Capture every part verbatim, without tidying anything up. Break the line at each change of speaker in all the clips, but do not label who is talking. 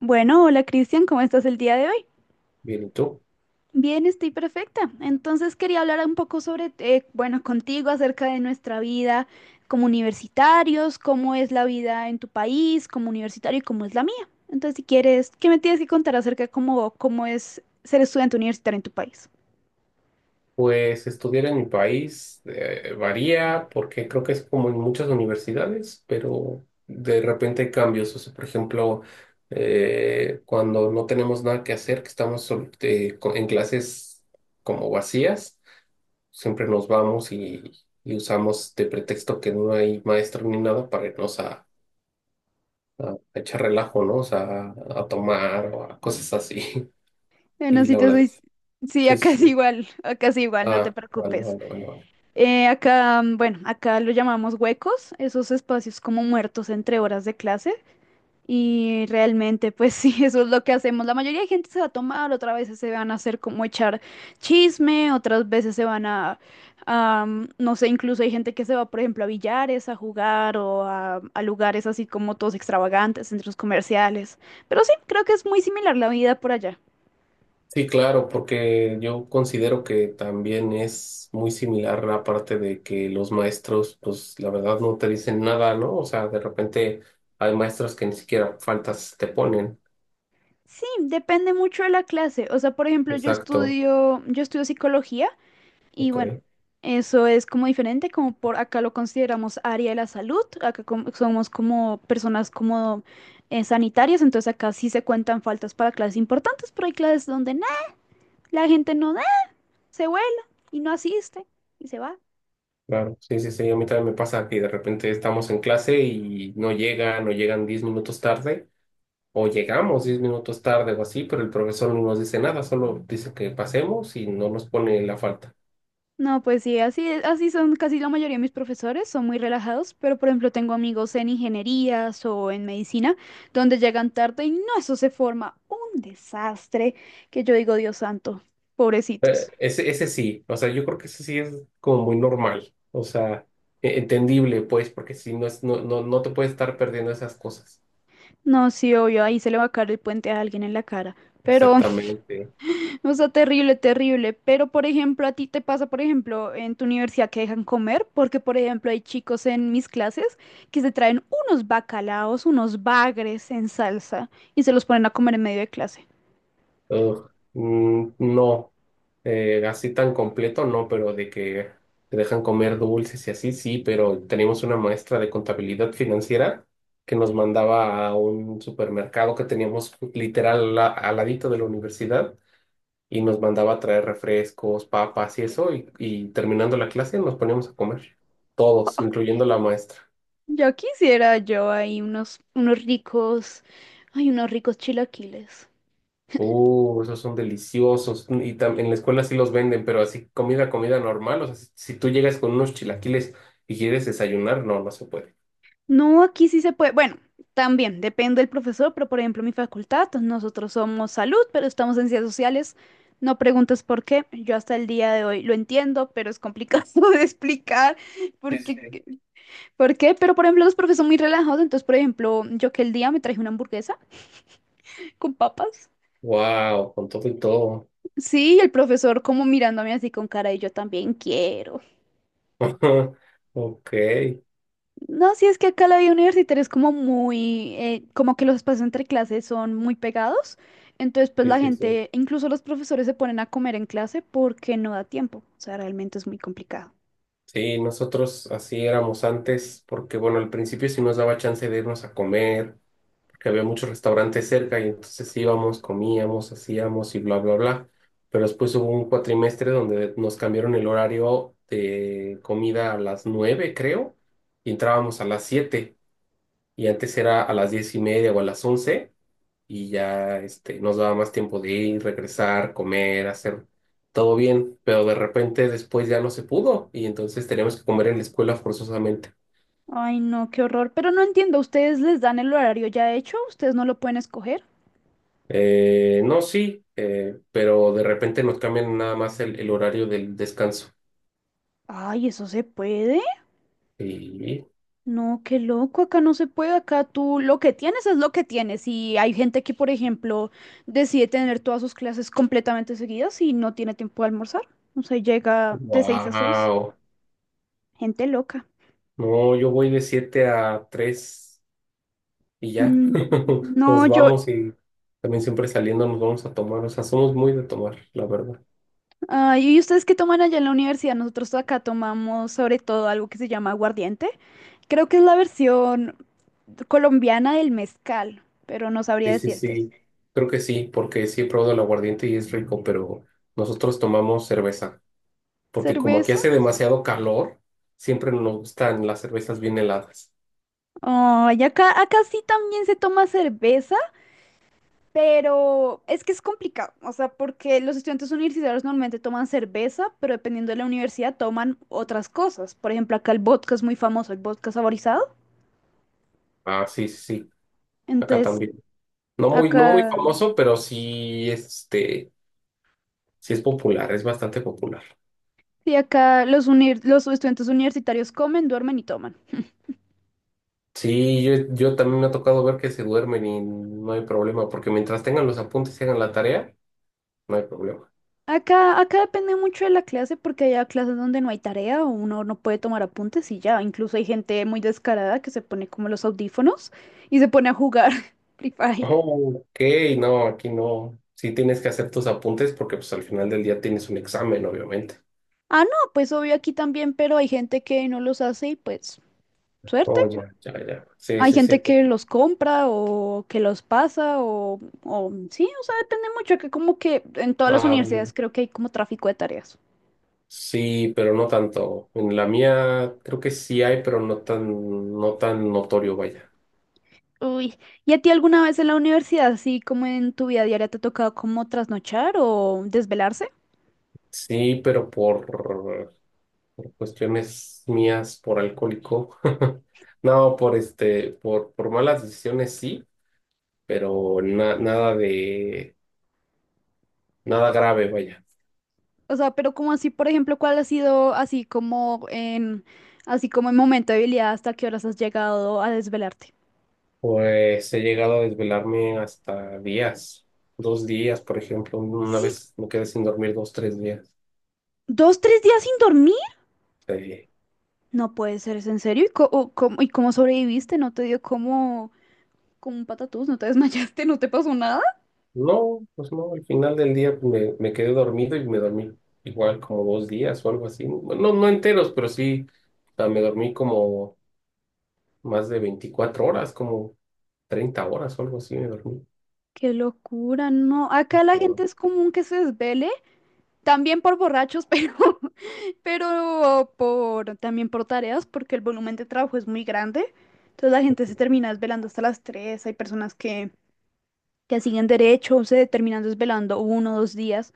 Bueno, hola Cristian, ¿cómo estás el día de hoy?
Bien, ¿y tú?
Bien, estoy perfecta. Entonces quería hablar un poco sobre, eh, bueno, contigo acerca de nuestra vida como universitarios, cómo es la vida en tu país como universitario y cómo es la mía. Entonces, si quieres, ¿qué me tienes que contar acerca de cómo, cómo es ser estudiante universitario en tu país?
Pues estudiar en mi país eh, varía porque creo que es como en muchas universidades, pero de repente hay cambios. O sea, por ejemplo, eh, cuando no tenemos nada que hacer, que estamos sol- eh, co- en clases como vacías, siempre nos vamos y, y usamos de pretexto que no hay maestro ni nada para irnos a, a a echar relajo, ¿no? O sea, a a tomar o a cosas así.
Bueno,
Y
si
la
te
verdad,
soy... Sí,
sí, sí,
acá es
sí.
igual, acá es igual, no te
Ah, vale,
preocupes.
vale, vale. Vale.
Eh, acá, mm, bueno, acá lo llamamos huecos, esos espacios como muertos entre horas de clases. Y realmente, pues sí, eso es lo que hacemos. La mayoría de gente se va a tomar, otras veces se van a hacer como echar chisme, otras veces se van a, am, no sé, incluso hay gente que se va, por ejemplo, a billares, a jugar o a, a lugares así como todos extravagantes, centros comerciales. Pero sí, creo que es muy similar la vida por allá.
Sí, claro, porque yo considero que también es muy similar la parte de que los maestros, pues la verdad no te dicen nada, ¿no? O sea, de repente hay maestros que ni siquiera faltas te ponen.
Sí, depende mucho de la clase. O sea, por ejemplo, yo
Exacto,
estudio, yo estudio psicología. Y
ok,
bueno, eso es como diferente, como por acá lo consideramos área de la salud, acá como- somos como personas como eh, sanitarias, entonces acá sí se cuentan faltas para clases importantes, pero hay clases donde nada, la gente no da, se vuela y no asiste y se va.
claro. Sí, sí, sí, a mí también me pasa que de repente estamos en clase y no llegan o llegan diez minutos tarde o llegamos diez minutos tarde o así, pero el profesor no nos dice nada, solo dice que pasemos y no nos pone la falta.
No, pues sí, así es- así son casi la mayoría de mis profesores, son muy relajados, pero por ejemplo tengo amigos en ingenierías o en medicina, donde llegan tarde y no, eso se forma un desastre que yo digo, Dios santo,
Eh,
pobrecitos.
ese, ese sí, o sea, yo creo que ese sí es como muy normal, o sea, e- entendible, pues, porque si no es, no, no, no te puedes estar perdiendo esas cosas.
No, sí, obvio, ahí se le va a caer el puente a alguien en la cara. Pero,
Exactamente.
o sea, terrible, terrible. Pero, por ejemplo, a ti te pasa, por ejemplo, en tu universidad que dejan comer, porque, por ejemplo, hay chicos en mis clases que se traen unos bacalaos, unos bagres en salsa y se los ponen a comer en medio de clase.
Ugh, mm, no, eh, así tan completo, no, pero de que te dejan comer dulces y así, sí, pero teníamos una maestra de contabilidad financiera que nos mandaba a un supermercado que teníamos literal a- al ladito de la universidad y nos mandaba a traer refrescos, papas y eso, y, y terminando la clase nos poníamos a comer, todos, incluyendo la maestra.
Ya quisiera yo ahí unos, unos ricos, ay, unos ricos chilaquiles.
Uh, esos son deliciosos. Y tam- en la escuela sí los venden, pero así comida, comida normal. O sea, si, si tú llegas con unos chilaquiles y quieres desayunar, no, no se puede.
No, aquí sí se puede. Bueno, también depende del profesor, pero por ejemplo, mi facultad, pues, nosotros somos salud, pero estamos en ciencias sociales. No preguntes por qué. Yo hasta el día de hoy lo entiendo, pero es complicado de explicar
Sí,
por
sí, sí.
qué, por qué. Pero por ejemplo, los profes son muy relajados. Entonces, por ejemplo, yo que el día me traje una hamburguesa con papas.
Wow, con todo y todo.
Sí, el profesor como mirándome así con cara y yo también quiero.
Ok, sí,
No, sí es que acá la vida universitaria es como muy, eh, como que los espacios entre clases son muy pegados, entonces pues la
sí, sí.
gente, incluso los profesores se ponen a comer en clase porque no da tiempo, o sea, realmente es muy complicado.
Sí, nosotros así éramos antes, porque bueno, al principio sí nos daba chance de irnos a comer porque había muchos restaurantes cerca y entonces íbamos, comíamos, hacíamos y bla, bla, bla. Pero después hubo un cuatrimestre donde nos cambiaron el horario de comida a las nueve, creo, y entrábamos a las siete. Y antes era a las diez y media o a las once, y ya este, nos daba más tiempo de ir, regresar, comer, hacer todo bien. Pero de repente después ya no se pudo, y entonces teníamos que comer en la escuela forzosamente.
Ay, no, qué horror, pero no entiendo, ¿ustedes les dan el horario ya hecho? ¿Ustedes no lo pueden escoger?
Eh, no, sí, eh, pero de repente nos cambian nada más el, el horario del descanso.
Ay, ¿eso se puede?
Sí.
No, qué loco, acá no se puede, acá tú lo que tienes es lo que tienes y hay gente que, por ejemplo, decide tener todas sus clases completamente seguidas y no tiene tiempo de almorzar, o sea, llega de seis a seis
Wow.
gente loca.
No, yo voy de siete a tres y ya.
Mm,
Nos
no, yo,
vamos y también siempre saliendo nos vamos a tomar. O sea, somos muy de tomar, la verdad.
ah, ¿y ustedes qué toman allá en la universidad? Nosotros acá tomamos sobre todo algo que se llama aguardiente, creo que es la versión colombiana del mezcal, pero no sabría
Sí, sí,
decirte.
sí. Creo que sí, porque sí he probado el aguardiente y es rico, pero nosotros tomamos cerveza, porque como aquí
¿Cerveza?
hace demasiado calor, siempre nos gustan las cervezas bien heladas.
Oh, y acá, acá sí también se toma cerveza, pero es que es complicado, o sea, porque los estudiantes universitarios normalmente toman cerveza, pero dependiendo de la universidad toman otras cosas. Por ejemplo, acá el vodka es muy famoso, el vodka saborizado.
Ah, sí, sí, sí. Acá
Entonces,
también. No muy, no muy
acá,
famoso, pero sí, este, sí es popular, es bastante popular.
sí, acá los, uni los estudiantes universitarios comen, duermen y toman.
Sí, yo, yo también me ha tocado ver que se duermen y no hay problema, porque mientras tengan los apuntes y hagan la tarea, no hay problema.
Acá, acá depende mucho de la clase porque hay clases donde no hay tarea o uno no puede tomar apuntes y ya. Incluso hay gente muy descarada que se pone como los audífonos y se pone a jugar Free Fire.
Oh, ok, no, aquí no. Sí tienes que hacer tus apuntes porque pues al final del día tienes un examen, obviamente.
Ah, no, pues obvio aquí también, pero hay gente que no los hace y pues suerte.
Oh, ya, ya, ya. Sí,
Hay
sí, sí.
gente que los compra o que los pasa o, o sí, o sea, depende mucho, que como que en todas las
Ah,
universidades
bueno.
creo que hay como tráfico de tareas.
Sí, pero no tanto. En la mía creo que sí hay, pero no tan, no tan notorio, vaya.
Uy, ¿y a ti alguna vez en la universidad, así como en tu vida diaria, te ha tocado como trasnochar o desvelarse?
Sí, pero por por cuestiones mías, por alcohólico. No, por este, por, por malas decisiones sí, pero na- nada de, nada grave, vaya.
O sea, pero como así, por ejemplo, ¿cuál ha sido así como en, así como en momento de habilidad, hasta qué horas has llegado a desvelarte?
Pues he llegado a desvelarme hasta días, dos días, por ejemplo. Una
Sí,
vez me quedé sin dormir dos, tres días.
dos, tres días sin dormir.
Eh,
No puede ser, ¿es en serio? ¿Y co- o cómo, y cómo sobreviviste? ¿No te dio como, como un patatús? ¿No te desmayaste? ¿No te pasó nada?
no, pues no, al final del día me, me quedé dormido y me dormí igual como dos días o algo así. Bueno, no, no enteros, pero sí, o sea, me dormí como más de veinticuatro horas, como treinta horas o algo así me dormí.
Qué locura, no. Acá la gente
¿No?
es común que se desvele, también por borrachos, pero, pero por, también por tareas, porque el volumen de trabajo es muy grande. Entonces la gente se termina desvelando hasta las tres. Hay personas que, que siguen derecho, se terminan desvelando uno o dos días.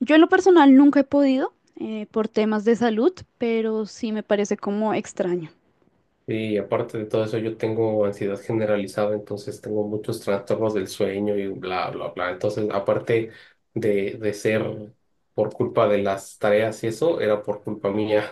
Yo en lo personal nunca he podido, eh, por temas de salud, pero sí me parece como extraño.
Y aparte de todo eso, yo tengo ansiedad generalizada, entonces tengo muchos trastornos del sueño y bla, bla, bla. Entonces, aparte de, de ser por culpa de las tareas y eso, era por culpa mía.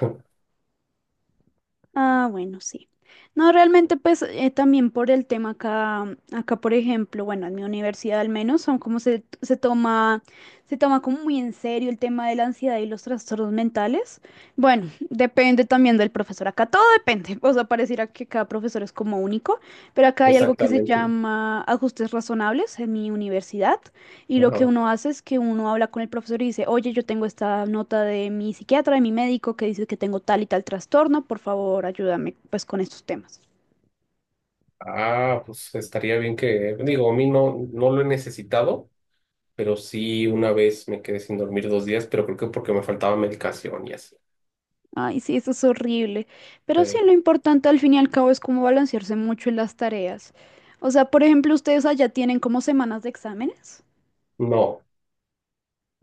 Ah, bueno, sí. No, realmente pues eh, también por el tema acá, mm, acá por ejemplo, bueno, en mi universidad al menos, son como se, se toma, se toma como muy en serio el tema de la ansiedad y los trastornos mentales. Bueno, depende también del profesor, acá todo depende, o sea, pareciera que cada profesor es como único, pero acá hay algo que se
Exactamente.
llama ajustes razonables en mi universidad. Y lo que
Ajá.
uno hace es que uno habla con el profesor y dice, oye, yo tengo esta nota de mi psiquiatra, de mi médico, que dice que tengo tal y tal trastorno, por favor, ayúdame pues con estos temas.
Ah, pues estaría bien que, digo, a mí no, no lo he necesitado, pero sí una vez me quedé sin dormir dos días, pero creo que porque me faltaba medicación y así.
Ay, sí, eso es horrible. Pero sí,
Eh,
lo importante al fin y al cabo es cómo balancearse mucho en las tareas. O sea, por ejemplo, ustedes allá tienen como semanas de exámenes,
no.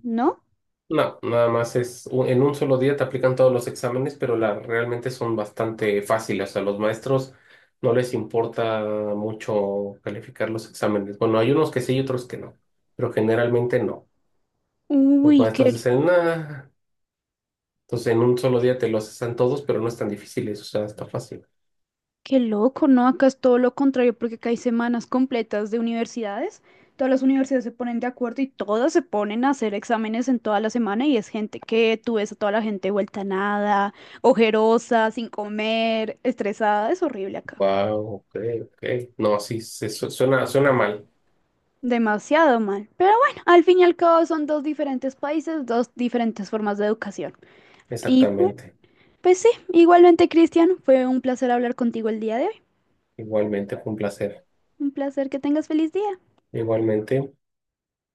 ¿no?
No, nada más es un- en un solo día te aplican todos los exámenes, pero la, realmente son bastante fáciles. O sea, los maestros no les importa mucho calificar los exámenes. Bueno, hay unos que sí y otros que no, pero generalmente no. Los
Uy,
maestros
qué
dicen, nada. Entonces, en un solo día te los hacen todos, pero no es tan difícil o sea, está fácil.
qué loco, ¿no? Acá es todo lo contrario porque acá hay semanas completas de universidades. Todas las universidades se ponen de acuerdo y todas se ponen a hacer exámenes en toda la semana y es gente que tú ves a toda la gente vuelta a nada, ojerosa, sin comer, estresada. Es horrible acá.
Wow, ok, ok. No, sí, se, su- suena, suena mal.
Demasiado mal. Pero bueno, al fin y al cabo son dos diferentes países, dos diferentes formas de educación. Y bueno,
Exactamente.
pues sí, igualmente, Cristian, fue un placer hablar contigo el día de hoy.
Igualmente, fue un placer.
Un placer que tengas feliz día.
Igualmente.